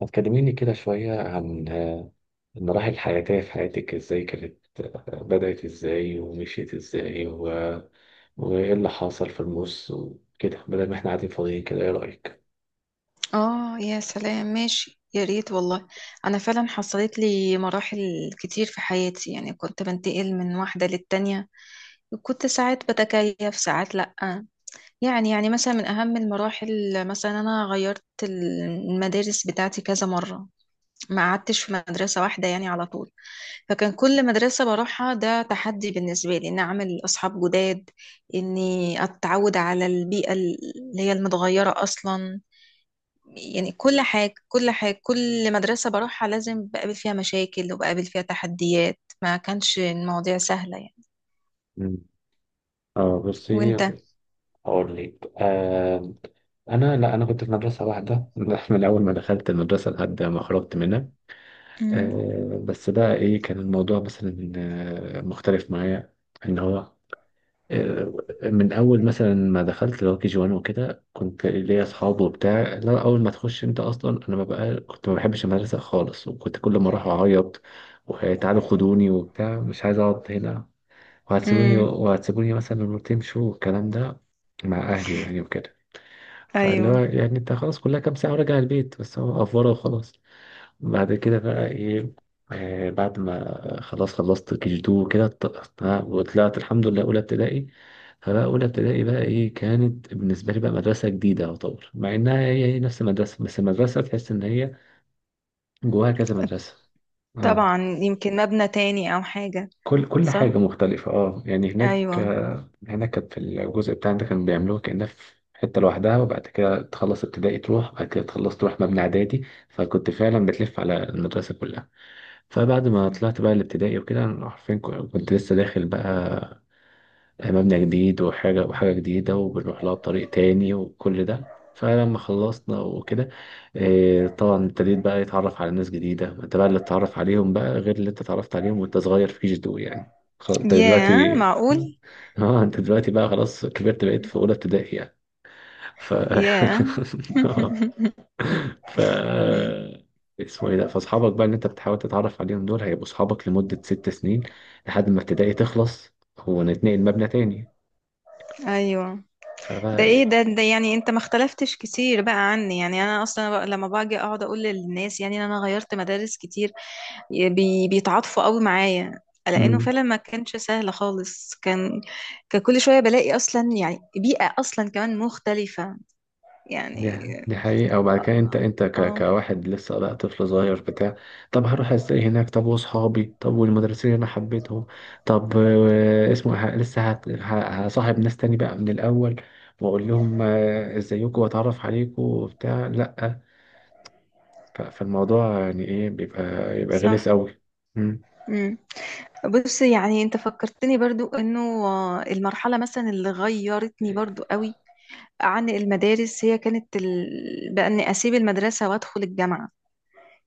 ما تكلميني كده شوية عن المراحل الحياتية في حياتك، ازاي كانت؟ بدأت ازاي ومشيت ازاي وايه اللي حصل في النص وكده، بدل ما احنا قاعدين فاضيين كده؟ ايه رأيك؟ اه، يا سلام! ماشي، يا ريت والله. انا فعلا حصلت لي مراحل كتير في حياتي، يعني كنت بنتقل من واحدة للتانية، وكنت ساعات بتكيف ساعات لأ. يعني مثلا من اهم المراحل، مثلا انا غيرت المدارس بتاعتي كذا مرة، ما قعدتش في مدرسة واحدة يعني على طول. فكان كل مدرسة بروحها ده تحدي بالنسبة لي، إن أعمل أصحاب جداد، إني أتعود على البيئة اللي هي المتغيرة أصلا. يعني كل حاجة، كل حاجة، كل مدرسة بروحها لازم بقابل فيها مشاكل وبقابل فيها تحديات. ما كانش المواضيع سهلة يعني. مم. اه وانت؟ بصي، اقول لك. لا انا كنت في مدرسة واحدة من اول ما دخلت المدرسة لحد ما خرجت منها. مم. آه، بس بقى ايه كان الموضوع مثلا، مختلف معايا. ان هو آه، من اول مثلا ما دخلت اللي هو كي جي 1 وكده، كنت ليا اصحاب وبتاع. لا، اول ما تخش انت اصلا، انا ما بقى كنت، ما بحبش المدرسه خالص، وكنت كل ما اروح اعيط وتعالوا خدوني وبتاع، مش عايز اقعد هنا، وهتسيبوني امم. وهتسيبوني مثلا لما تمشوا والكلام ده مع اهلي، واهلي وكده. فاللي ايوه، هو يعني انت خلاص كلها كام ساعه وراجع البيت، بس هو افوره وخلاص. بعد كده بقى ايه، آه، بعد ما خلاص خلصت كيجي تو كده، وطلعت الحمد لله اولى ابتدائي. فبقى اولى ابتدائي بقى ايه، كانت بالنسبه لي بقى مدرسه جديده يعتبر، مع انها هي نفس المدرسه، بس المدرسه تحس ان هي جواها كذا مدرسه. اه، طبعا يمكن مبنى تاني او حاجة. كل حاجه صح. مختلفه. اه يعني هناك، ايوه. آه، هناك كانت في الجزء بتاعنا ده كانوا بيعملوها كانها في حته لوحدها، وبعد كده تخلص ابتدائي تروح، بعد كده تخلص تروح مبنى اعدادي. فكنت فعلا بتلف على المدرسه كلها. فبعد ما مم. طلعت بقى الابتدائي وكده، أنا حرفيا كنت لسه داخل بقى مبنى جديد، وحاجة جديدة، وبنروح لها طريق تاني وكل ده. فلما خلصنا وكده، آه، طبعا ابتديت بقى يتعرف على ناس جديدة. ما انت بقى اللي اتعرف عليهم بقى غير اللي انت اتعرفت عليهم وانت صغير، فيش دول يعني. انت ياه، دلوقتي معقول. اه انت دلوقتي بقى خلاص كبرت، بقيت مم. في اولى ابتدائي يعني. ف ياه. ف مم. اسمه ايه ده، فاصحابك بقى اللي انت بتحاول تتعرف عليهم دول هيبقوا اصحابك لمدة ست سنين، لحد ما ابتدائي تخلص ونتنقل مبنى تاني. ايوه. ده فبقى ايه ده يعني انت ما اختلفتش كتير بقى عني. يعني انا اصلا بقى لما باجي اقعد اقول للناس يعني إن انا غيرت مدارس كتير، بيتعاطفوا قوي معايا، لانه مم. فعلا ما كانش سهل خالص. كان كل شويه بلاقي اصلا، يعني بيئه اصلا كمان مختلفه دي يعني. دي حقيقة. وبعد كده انت اه. كواحد لسه بقى طفل صغير بتاع طب هروح ازاي هناك، طب واصحابي، طب والمدرسين اللي انا حبيتهم، طب آه، اسمه ه... لسه هت... ه... هصاحب ناس تاني بقى من الاول، واقول لهم آه، ازيكم واتعرف عليكم وبتاع. لا، فالموضوع يعني ايه، بيبقى يبقى صح. غلس قوي. مم. امم. بص، يعني انت فكرتني برضو انه، المرحله مثلا اللي غيرتني برضو قوي عن المدارس، هي كانت بقى اني اسيب المدرسه وادخل الجامعه.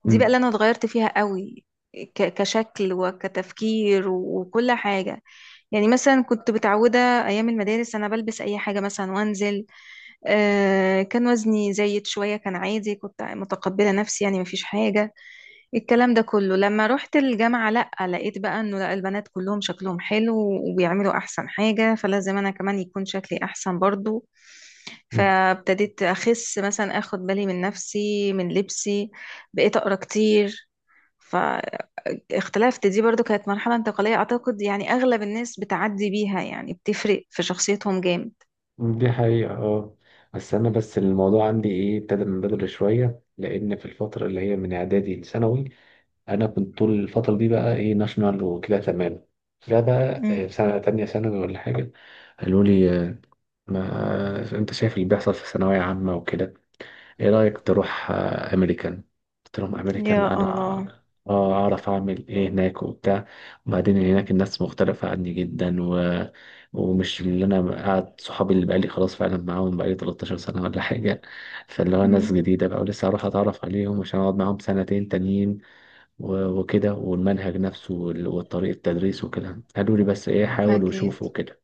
دي بقى مم. اللي انا اتغيرت فيها قوي، كشكل وكتفكير وكل حاجة. يعني مثلا كنت متعودة، ايام المدارس انا بلبس اي حاجة مثلا وانزل. كان وزني زايد شوية، كان عادي، كنت متقبلة نفسي، يعني مفيش حاجة. الكلام ده كله لما رحت الجامعة لأ، لقيت بقى انه لأ، البنات كلهم شكلهم حلو وبيعملوا احسن حاجة، فلازم انا كمان يكون شكلي احسن برضو. مم. فابتديت اخس مثلا، اخد بالي من نفسي من لبسي، بقيت اقرا كتير، فاختلفت. دي برضو كانت مرحلة انتقالية أعتقد، يعني أغلب الناس بتعدي بيها، يعني بتفرق في شخصيتهم جامد. دي حقيقة اه. بس أنا، بس الموضوع عندي إيه، ابتدى من بدري شوية، لأن في الفترة اللي هي من إعدادي لثانوي أنا كنت طول الفترة دي بقى إيه ناشونال وكده، تمام. ده بقى مم. آه، في سنة تانية ثانوي ولا حاجة قالوا لي آه، ما أنت شايف اللي بيحصل في ثانوية عامة وكده، ايه رأيك تروح آه، امريكان. قلت لهم امريكان يا الله. انا، آه، اعرف اعمل ايه هناك وبتاع. وبعدين هناك الناس مختلفة عني جدا ومش اللي انا قاعد صحابي اللي بقالي خلاص فعلا معاهم بقالي 13 سنة ولا حاجة. فاللي هو ناس مم. جديدة بقى، ولسه هروح اتعرف عليهم عشان اقعد معاهم سنتين تانيين وكده، والمنهج نفسه والطريقة التدريس وكده. قالوا لي بس ايه، حاول أكيد. وشوف وكده.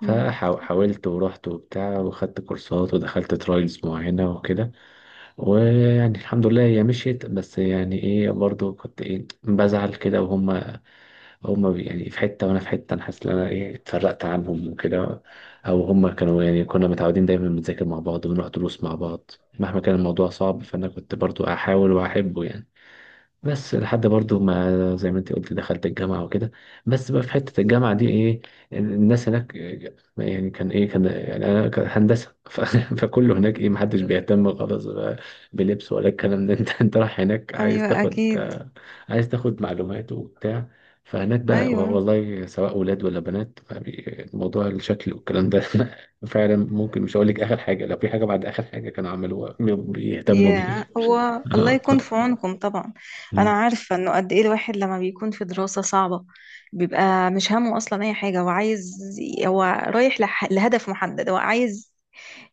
مم. فحاولت ورحت وبتاع، وخدت كورسات ودخلت ترايلز معينة وكده. ويعني الحمد لله هي مشيت، بس يعني ايه برضو كنت ايه، بزعل كده. وهم يعني في حتة وانا في حتة، انا حاسس ان انا ايه اتفرقت عنهم وكده. او هم كانوا يعني كنا متعودين دايما بنذاكر مع بعض، ونروح دروس مع بعض، مهما كان الموضوع صعب. فانا كنت برضو احاول واحبه يعني. بس لحد برضو ما زي ما انت قلت، دخلت الجامعة وكده. بس بقى في حتة الجامعة دي ايه، الناس هناك إيه، يعني كان ايه كان يعني انا كان هندسة فكله هناك ايه، محدش بيهتم خالص بقى بلبس ولا الكلام ده انت رايح هناك عايز أيوة، تاخد أكيد. آه، عايز تاخد معلومات وبتاع. فهناك بقى، أيوة. والله سواء ولاد ولا بنات، موضوع الشكل والكلام ده فعلا ممكن، مش هقول لك اخر حاجة، لو في حاجة بعد اخر حاجة كانوا عملوها بيهتموا يا بيها. هو، الله يكون في عونكم طبعا. انا عارفه انه قد ايه الواحد لما بيكون في دراسه صعبه، بيبقى مش همه اصلا اي حاجه. هو عايز، هو رايح لهدف محدد. هو عايز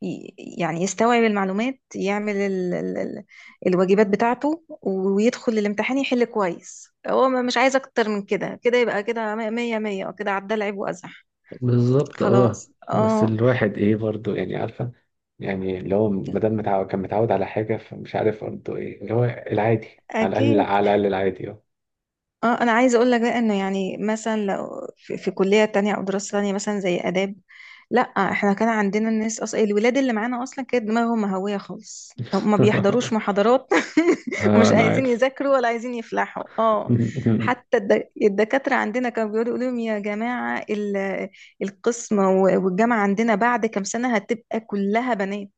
يعني يستوعب المعلومات، يعمل الواجبات بتاعته، ويدخل الامتحان يحل كويس. هو مش عايز اكتر من كده، كده يبقى كده مية مية، وكده عدى لعب وازح. بالظبط اه. خلاص. بس اه. الواحد ايه برضو يعني، عارفة، يعني اللي هو مادام متعود، كان متعود على حاجة، فمش عارف برضو ايه اللي هو العادي، على الأقل، اكيد. على الأقل العادي، اه. اه، انا عايزه اقول لك بقى انه، يعني مثلا لو في كليه تانية او دراسه تانية مثلا زي اداب، لا. احنا كان عندنا الناس اصلا، الولاد اللي معانا اصلا كانت دماغهم مهويه خالص، هم ما بيحضروش محاضرات. آه، ومش أنا عايزين عارف. يذاكروا ولا عايزين يفلحوا. اه. حتى الدكاتره عندنا كانوا يقولوا لهم: يا جماعه، القسم والجامعه عندنا بعد كام سنه هتبقى كلها بنات،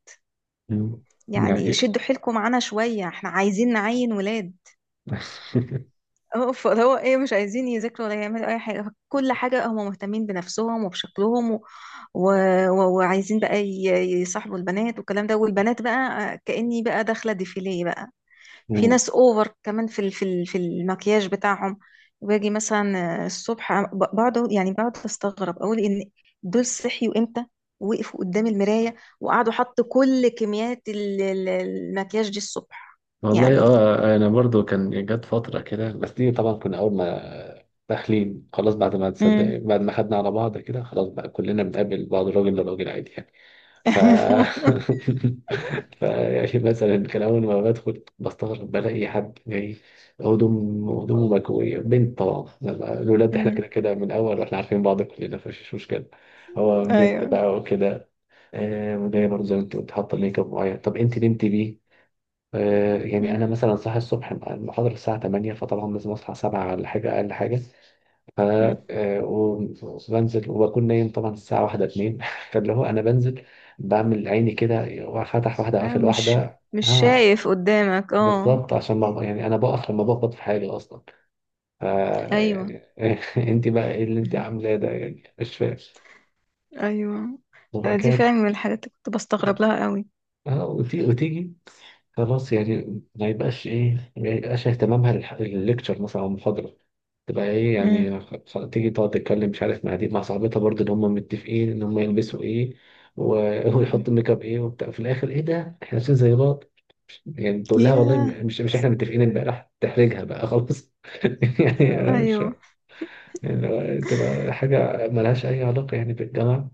يعني يعني. شدوا حيلكم معانا شويه، احنا عايزين نعين ولاد. اه، فهو ايه، مش عايزين يذاكروا ولا يعملوا اي حاجه. كل حاجه هم مهتمين بنفسهم وبشكلهم، و... وعايزين بقى يصاحبوا البنات والكلام ده، والبنات بقى كاني بقى داخله ديفيليه بقى. في ناس اوفر كمان في المكياج بتاعهم. باجي مثلا الصبح بقعد، يعني بقعد استغرب، اقول ان دول صحيوا امتى؟ وقفوا قدام المرايه وقعدوا حطوا كل كميات المكياج دي الصبح. والله يعني. اه انا برضو كان جت فتره كده، بس دي طبعا كنا اول ما داخلين خلاص، بعد ما امم. تصدق، بعد ما خدنا على بعض كده، خلاص بقى كلنا بنقابل بعض راجل لراجل عادي يعني. ف ف يعني مثلا كان اول ما بدخل بستغرب، بلاقي حد جاي هدومه مكويه، بنت طبعا. الولاد احنا كده كده من الاول واحنا عارفين بعض كلنا، فمفيش مشكله. هو بنت ايوه. بقى وكده. آه وجايه برضه زي ما انت قلت حاطه ميك اب معين، طب انت نمتي بيه؟ آه، يعني انا مم. مثلا صاحي الصبح، المحاضره الساعه 8 فطبعا لازم اصحى 7 على حاجه، اقل حاجه. ف مم. آه، وبنزل وبكون نايم طبعا الساعه 1 2 فاللي هو انا بنزل، بعمل عيني كده، وفتح واحده ايوه، قافل مش واحده، مش ها. شايف قدامك. اه. بالظبط عشان ما، يعني انا بقف لما بقبض في حالي اصلا. ف ايوه. يعني انت بقى ايه اللي انت مهم. عاملاه ده يعني، مش فاهم. ايوه، وبعد انا دي كده فعلا من الحاجات اللي كنت بستغرب لها قوي. آه، وتيجي خلاص، يعني ما يبقاش ايه، ما يبقاش اهتمامها للليكتشر مثلا او المحاضره. تبقى ايه مم. يعني تيجي تقعد تتكلم مش عارف مع دي، مع صاحبتها برضه، اللي هم متفقين ان هم يلبسوا ايه مم. ويحطوا ميك اب ايه وبتاع، في الاخر ايه ده، احنا لابسين زي بعض. يعني تقول لها والله ياه. مش احنا متفقين امبارح، تحرجها بقى خلاص. يعني انا مش، ايوه. يعني تبقى حاجه ملهاش اي علاقه يعني بالجامعه.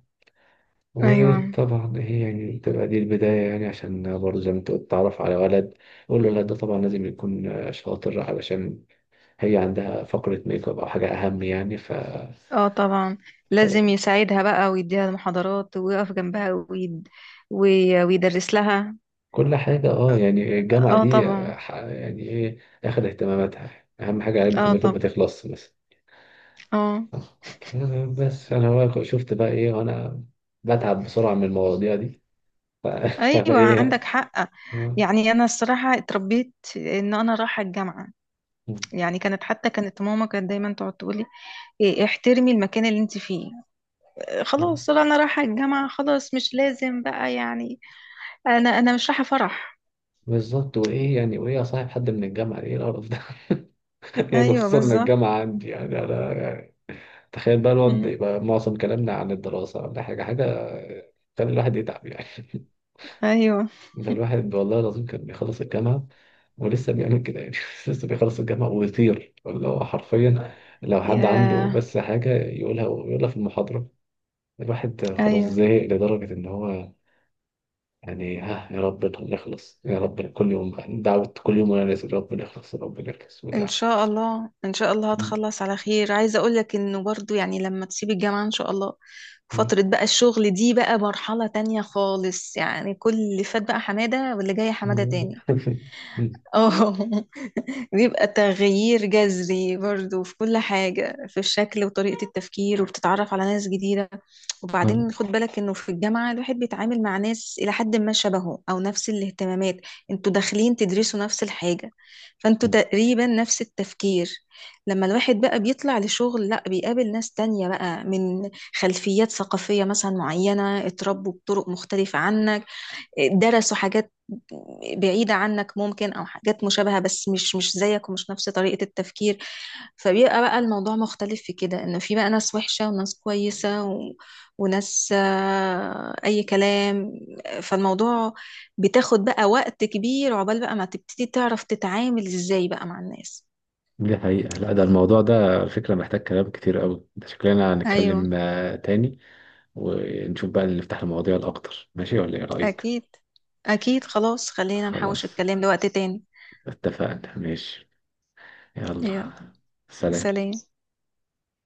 ايوه. وطبعا هي يعني بتبقى دي البداية يعني، عشان برضه زي ما انت قلت، تعرف على ولد. والولد ده طبعا لازم يكون شاطر، علشان هي عندها فقرة ميك اب أو حاجة أهم يعني. اه طبعا، ف... لازم يساعدها بقى، ويديها المحاضرات، ويقف جنبها، ويدرس لها. كل حاجة اه يعني الجامعة اه دي طبعا. يعني ايه، اخد اهتماماتها يعني. أهم حاجة علبة اه الميك اب طبعا. ما تخلص بس. اه. آه بس أنا بقى شفت بقى ايه، وأنا بتعب بسرعة من المواضيع دي. ف... فأنا ايوه عندك ايه حق. يعني انا الصراحه اتربيت ان انا رايحه الجامعه. يعني كانت، حتى كانت ماما كانت دايما تقعد تقولي: إيه، احترمي المكان اللي انت فيه، إيه، آه. خلاص. لا، انا رايحه الجامعه خلاص، مش لازم بقى يعني، انا مش رايحه فرح. بالظبط، وايه يعني، وايه اصاحب حد من الجامعه، ايه القرف ده! يعني ايوه خصوصا ان بالظبط. الجامعه عندي، يعني انا يعني تخيل بقى الواد أمم. يبقى معظم كلامنا عن الدراسه ولا حاجه تخلي الواحد يتعب يعني. ايوه. ده الواحد والله العظيم كان بيخلص الجامعه ولسه بيعمل كده يعني. لسه بيخلص الجامعه ويطير، اللي هو حرفيا لو حد عنده يا. بس حاجه يقولها، يقولها في المحاضره. الواحد خلاص ايوه. زهق لدرجه ان هو يعني، ها، يا رب نخلص، يا رب، كل يوم دعوة، كل يوم وانا نازل يا رب نخلص يا رب نخلص ان وبتاع. شاء الله، ان شاء الله هتخلص على خير. عايزه اقول لك انه برضو يعني لما تسيبي الجامعه ان شاء الله، فتره بقى الشغل دي بقى مرحله تانية خالص، يعني كل اللي فات بقى حماده، واللي جاي حماده تاني. اه. بيبقى تغيير جذري برضو في كل حاجة، في الشكل وطريقة التفكير، وبتتعرف على ناس جديدة. آه. وبعدين خد بالك انه في الجامعة الواحد بيتعامل مع ناس إلى حد ما شبهه أو نفس الاهتمامات، انتوا داخلين تدرسوا نفس الحاجة، فانتوا تقريبا نفس التفكير. لما الواحد بقى بيطلع لشغل، لا بيقابل ناس تانية بقى من خلفيات ثقافية مثلا معينة اتربوا بطرق مختلفة عنك، درسوا حاجات بعيدة عنك ممكن أو حاجات مشابهة، بس مش زيك ومش نفس طريقة التفكير. فبيبقى بقى الموضوع مختلف في كده، إنه في بقى ناس وحشة وناس كويسة، و... وناس أي كلام. فالموضوع بتاخد بقى وقت كبير عقبال بقى ما تبتدي تعرف تتعامل إزاي بقى مع الناس. دي حقيقة. لا ده الموضوع ده على فكرة محتاج كلام كتير قوي، ده شكلنا أيوه. هنتكلم آه، تاني، ونشوف بقى اللي، نفتح المواضيع الأكتر. ماشي ولا إيه رأيك؟ أكيد. أكيد خلاص، خلينا نحوش خلاص، الكلام لوقت تاني. اتفقنا، ماشي. يلا. يلا. سلام. سلام.